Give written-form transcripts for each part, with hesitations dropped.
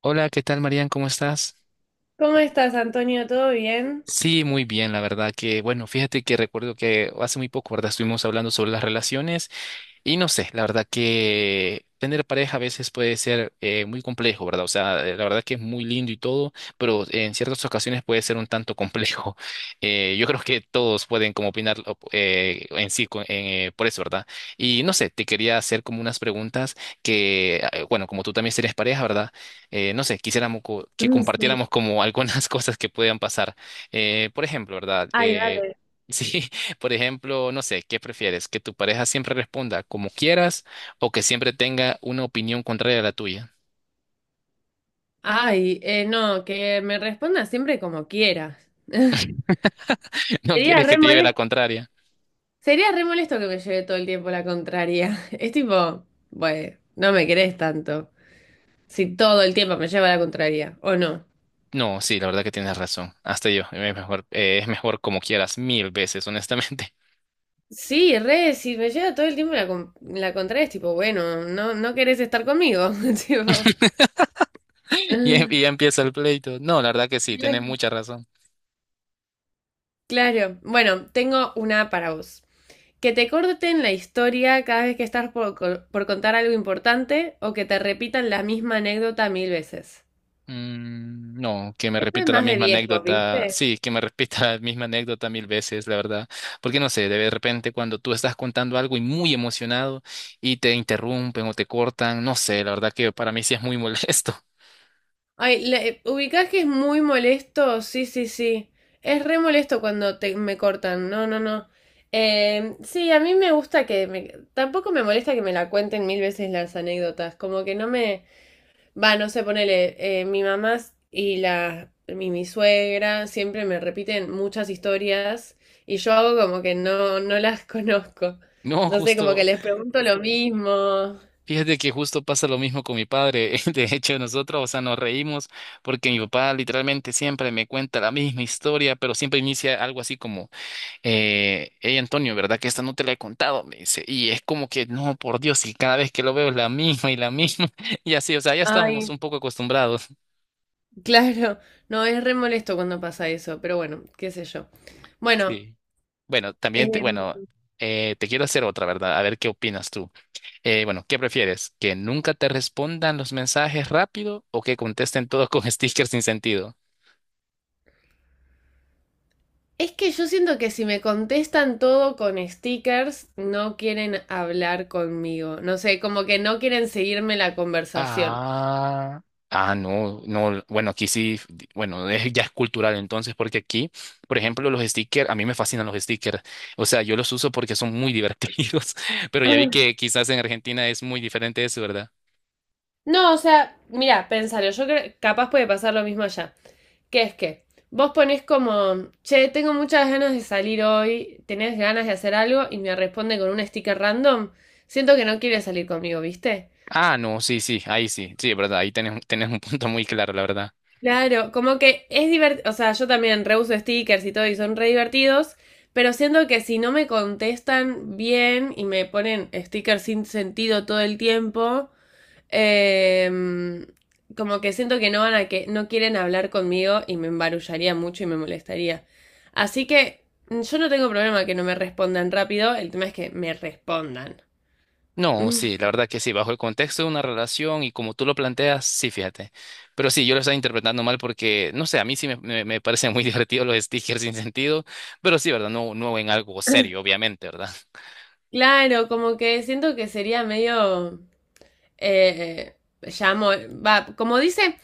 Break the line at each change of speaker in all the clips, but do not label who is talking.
Hola, ¿qué tal, Marian? ¿Cómo estás?
¿Cómo estás, Antonio? ¿Todo bien?
Sí, muy bien, la verdad que, bueno, fíjate que recuerdo que hace muy poco, ¿verdad? Estuvimos hablando sobre las relaciones y no sé, la verdad que tener pareja a veces puede ser muy complejo, ¿verdad? O sea, la verdad que es muy lindo y todo, pero en ciertas ocasiones puede ser un tanto complejo. Yo creo que todos pueden como en por eso, ¿verdad? Y no sé, te quería hacer como unas preguntas que, bueno, como tú también si eres pareja, ¿verdad? No sé, quisiéramos que
Mm. Sí.
compartiéramos como algunas cosas que puedan pasar. Por ejemplo, ¿verdad?
Ay, dale.
Sí, por ejemplo, no sé, ¿qué prefieres? ¿Que tu pareja siempre responda como quieras o que siempre tenga una opinión contraria a la tuya?
Ay, no, que me responda siempre como quieras.
¿No
Sería
quieres que
re
te lleve la
molesto.
contraria?
Sería re molesto que me lleve todo el tiempo la contraria. Es tipo, bueno, no me querés tanto. Si todo el tiempo me lleva la contraria, ¿o no?
No, sí, la verdad que tienes razón. Hasta yo, es mejor como quieras, mil veces, honestamente.
Sí, re, si me lleva todo el tiempo la contraria, es tipo, bueno, no, no querés estar conmigo. Tipo,
Y, y ya empieza el pleito. No, la verdad que sí, tienes
ah,
mucha razón.
claro, bueno, tengo una para vos. Que te corten la historia cada vez que estás por contar algo importante o que te repitan la misma anécdota mil veces.
Mm, no, que me
Esto es
repita la
más de
misma
viejos,
anécdota.
¿viste?
Sí, que me repita la misma anécdota mil veces, la verdad. Porque no sé, de repente cuando tú estás contando algo y muy emocionado y te interrumpen o te cortan, no sé, la verdad que para mí sí es muy molesto.
Ay, ¿ubicás que es muy molesto? Sí, sí, sí. Es re molesto cuando me cortan. No, no, no. Sí, a mí me gusta que me... Tampoco me molesta que me la cuenten mil veces las anécdotas. Como que no me... Va, no sé, ponele, mi mamá y mi suegra siempre me repiten muchas historias y yo hago como que no, no las conozco.
No,
No sé, como que
justo,
les pregunto lo mismo.
fíjate que justo pasa lo mismo con mi padre. De hecho, nosotros, o sea, nos reímos porque mi papá literalmente siempre me cuenta la misma historia, pero siempre inicia algo así como hey Antonio, ¿verdad que esta no te la he contado? Me dice, y es como que, no, por Dios, y cada vez que lo veo es la misma y la misma, y así, o sea, ya estamos
Ay,
un poco acostumbrados.
claro, no, es re molesto cuando pasa eso, pero bueno, qué sé yo. Bueno,
Sí. Bueno, también, te,
em,
bueno, te quiero hacer otra, ¿verdad? A ver qué opinas tú. Bueno, ¿qué prefieres? ¿Que nunca te respondan los mensajes rápido o que contesten todos con stickers sin sentido?
es que yo siento que si me contestan todo con stickers, no quieren hablar conmigo. No sé, como que no quieren seguirme la conversación.
Ah, ah, no, no, bueno, aquí sí, bueno, ya es cultural entonces, porque aquí, por ejemplo, los stickers, a mí me fascinan los stickers, o sea, yo los uso porque son muy divertidos, pero ya vi que quizás en Argentina es muy diferente eso, ¿verdad?
No, o sea, mira, pensalo, yo creo, capaz puede pasar lo mismo allá. Que es que vos ponés como, che, tengo muchas ganas de salir hoy, tenés ganas de hacer algo y me responde con un sticker random, siento que no quiere salir conmigo, ¿viste?
Ah, no, sí, sí, ahí sí, sí, es verdad, ahí tenés, tenés un punto muy claro, la verdad.
Claro, como que es divertido, o sea, yo también reuso stickers y todo y son re divertidos, pero siento que si no me contestan bien y me ponen stickers sin sentido todo el tiempo, Em, como que siento que no van a que no quieren hablar conmigo y me embarullaría mucho y me molestaría. Así que mm, yo no tengo problema que no me respondan rápido, el tema es que me respondan.
No, sí, la verdad que sí, bajo el contexto de una relación y como tú lo planteas, sí, fíjate. Pero sí, yo lo estaba interpretando mal porque, no sé, a mí sí me parecen muy divertidos los stickers sin sentido, pero sí, ¿verdad? No, no en algo serio, obviamente, ¿verdad?
Claro, como que siento que sería medio eh, eh, llamo, como dice,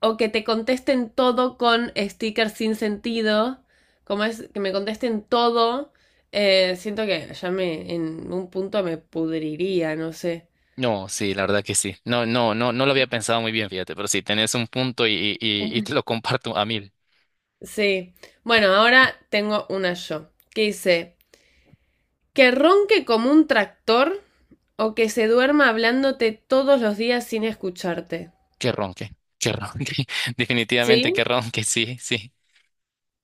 o que te contesten todo con stickers sin sentido, como es que me contesten todo, siento que ya me en un punto me pudriría, no sé.
No, sí, la verdad que sí. No, no, no, no lo había pensado muy bien, fíjate, pero sí, tenés un punto y te lo comparto a mil.
Sí. Bueno, ahora tengo una yo, que dice, que ronque como un tractor o que se duerma hablándote todos los días sin escucharte.
Qué ronque, qué ronque, definitivamente
¿Sí?
qué ronque, sí, sí.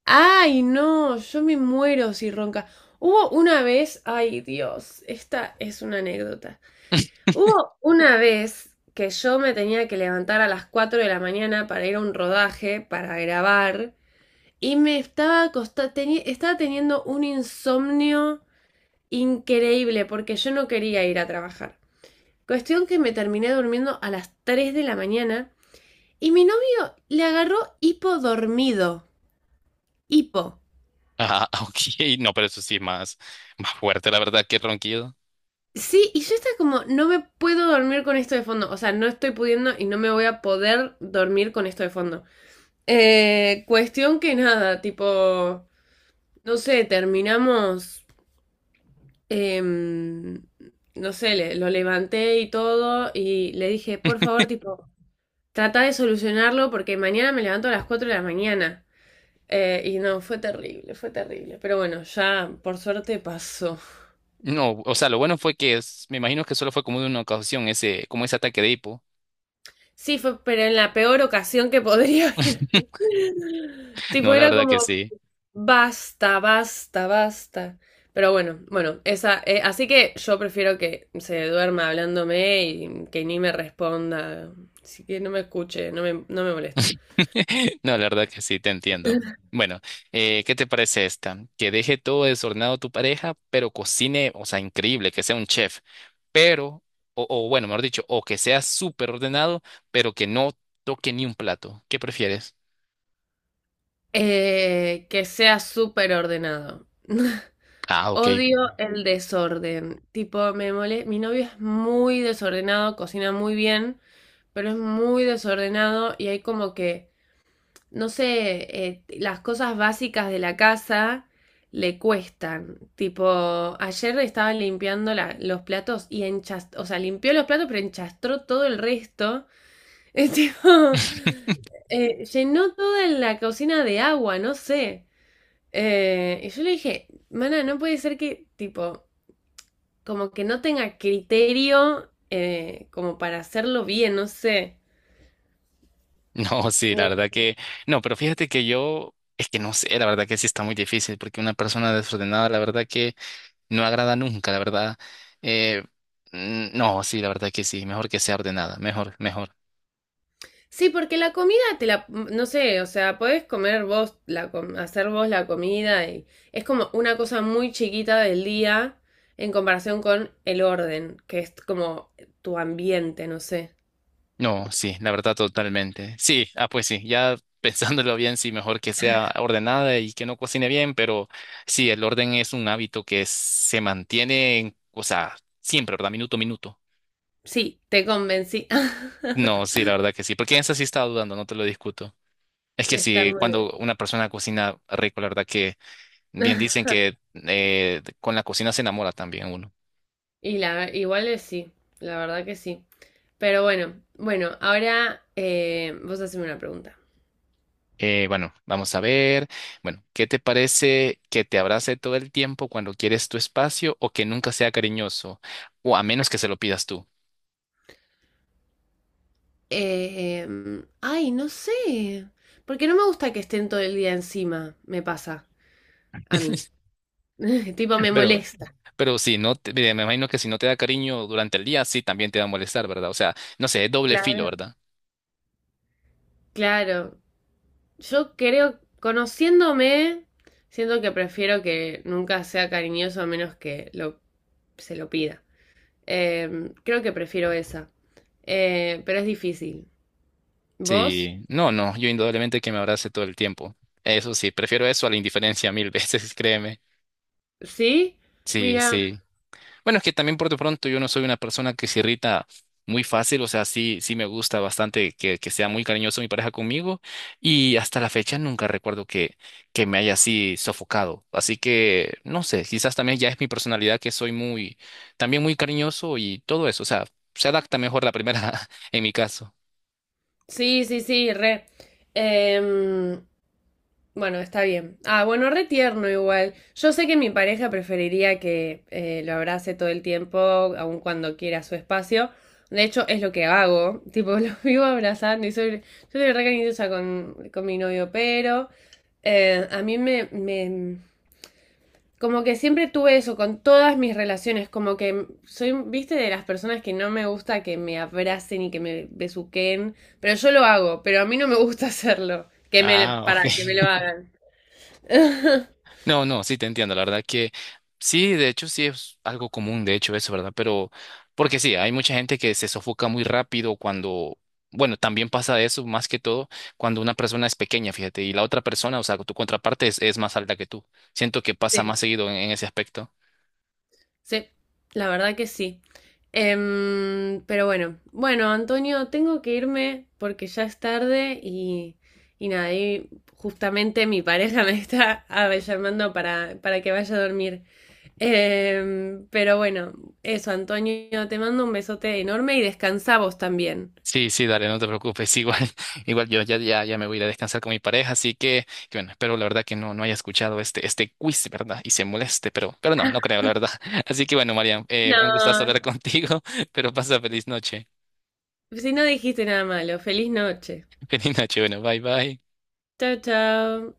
Ay, no, yo me muero si ronca. Hubo una vez, ay Dios, esta es una anécdota. Hubo una vez que yo me tenía que levantar a las 4 de la mañana para ir a un rodaje, para grabar, y me estaba estaba teniendo un insomnio increíble, porque yo no quería ir a trabajar. Cuestión que me terminé durmiendo a las 3 de la mañana y mi novio le agarró hipo dormido. Hipo.
Ah, ok, no, pero eso sí, más fuerte, la verdad, qué ronquido.
Sí, y yo estaba como, no me puedo dormir con esto de fondo. O sea, no estoy pudiendo y no me voy a poder dormir con esto de fondo. Cuestión que nada, tipo, no sé, terminamos, em, no sé, lo levanté y todo y le dije, por favor, tipo, trata de solucionarlo porque mañana me levanto a las 4 de la mañana. Y no, fue terrible, fue terrible. Pero bueno, ya por suerte pasó.
No, o sea, lo bueno fue que me imagino que solo fue como de una ocasión ese, como ese ataque de hipo.
Sí, fue, pero en la peor ocasión que podría haber. Tipo,
No, la
era
verdad
como,
que sí.
basta, basta, basta. Pero bueno, bueno, esa, así que yo prefiero que se duerma hablándome y que ni me responda. Así que no me escuche, no me molesta.
No, la verdad que sí, te entiendo. Bueno, ¿qué te parece esta? Que deje todo desordenado tu pareja, pero cocine, o sea, increíble, que sea un chef, pero, o bueno, mejor dicho, o que sea súper ordenado, pero que no toque ni un plato. ¿Qué prefieres?
Que sea súper ordenado.
Ah, ok.
Odio el desorden. Tipo, me mole... Mi novio es muy desordenado, cocina muy bien, pero es muy desordenado y hay como que, no sé, las cosas básicas de la casa le cuestan. Tipo, ayer estaba limpiando los platos y enchastró, o sea, limpió los platos, pero enchastró todo el resto. Es tipo, llenó toda la cocina de agua, no sé. Y yo le dije, mana, no puede ser que, tipo, como que no tenga criterio como para hacerlo bien, no sé.
No, sí,
No.
la verdad que no, pero fíjate que yo es que no sé, la verdad que sí está muy difícil porque una persona desordenada, la verdad que no agrada nunca, la verdad. Eh, no, sí, la verdad que sí, mejor que sea ordenada, mejor, mejor.
Sí, porque la comida te la, no sé, o sea, podés comer vos, hacer vos la comida y es como una cosa muy chiquita del día en comparación con el orden, que es como tu ambiente, no sé.
No, sí, la verdad totalmente. Sí, ah, pues sí, ya pensándolo bien, sí, mejor que sea ordenada y que no cocine bien, pero sí, el orden es un hábito que se mantiene, o sea, siempre, ¿verdad? Minuto a minuto.
Sí, te convencí.
No, sí, la verdad que sí, porque en esa sí estaba dudando, no te lo discuto. Es que
Está
si
muy
cuando
bien.
una persona cocina rico, la verdad que bien dicen que con la cocina se enamora también uno.
Y la, igual es sí, la verdad que sí. Pero bueno, bueno, ahora vos haceme una pregunta.
Bueno, vamos a ver. Bueno, ¿qué te parece que te abrace todo el tiempo cuando quieres tu espacio o que nunca sea cariñoso? O a menos que se lo pidas tú.
Ay, no sé. Porque no me gusta que estén todo el día encima, me pasa a mí. Tipo, me
Pero,
molesta.
pero si no, mira, me imagino que si no te da cariño durante el día, sí, también te va a molestar, ¿verdad? O sea, no sé, es doble filo,
Claro.
¿verdad?
Claro. Yo creo, conociéndome, siento que prefiero que nunca sea cariñoso a menos que se lo pida. Creo que prefiero esa. Pero es difícil. ¿Vos?
Sí, no, no, yo indudablemente que me abrace todo el tiempo. Eso sí, prefiero eso a la indiferencia mil veces, créeme.
¿Sí?
Sí,
Mira,
sí. Bueno, es que también por de pronto yo no soy una persona que se irrita muy fácil, o sea, sí, sí me gusta bastante que sea muy cariñoso mi pareja conmigo y hasta la fecha nunca recuerdo que me haya así sofocado. Así que, no sé, quizás también ya es mi personalidad que soy muy, también muy cariñoso y todo eso, o sea, se adapta mejor la primera en mi caso.
sí, sí, sí, re. Em, bueno, está bien. Ah, bueno, re tierno igual. Yo sé que mi pareja preferiría que lo abrace todo el tiempo, aun cuando quiera su espacio. De hecho, es lo que hago. Tipo, lo vivo abrazando y yo soy re cariñosa con mi novio, pero a mí me, me, como que siempre tuve eso con todas mis relaciones, como que soy, viste, de las personas que no me gusta que me abracen y que me besuquen, pero yo lo hago, pero a mí no me gusta hacerlo,
Ah,
para
ok.
que me lo hagan.
No, no, sí te entiendo, la verdad que sí, de hecho sí es algo común, de hecho eso, ¿verdad? Pero porque sí, hay mucha gente que se sofoca muy rápido cuando, bueno, también pasa eso más que todo cuando una persona es pequeña, fíjate, y la otra persona, o sea, tu contraparte es más alta que tú. Siento que pasa
Sí,
más seguido en ese aspecto.
sí, la verdad que sí. Pero bueno, bueno, Antonio, tengo que irme porque ya es tarde y nada, y justamente mi pareja me está llamando para que vaya a dormir. Pero bueno, eso, Antonio, te mando un besote enorme y descansa vos también.
Sí, sí, dale, no te preocupes. Igual, igual yo ya, ya, ya me voy a ir a descansar con mi pareja, así que bueno, espero la verdad que no, no haya escuchado este quiz, ¿verdad? Y se moleste, pero no, no creo, la verdad. Así que bueno, Marian, un gustazo
No,
hablar contigo, pero pasa feliz noche.
si no dijiste nada malo, feliz noche.
Feliz noche, bueno, bye bye.
Chao, chao.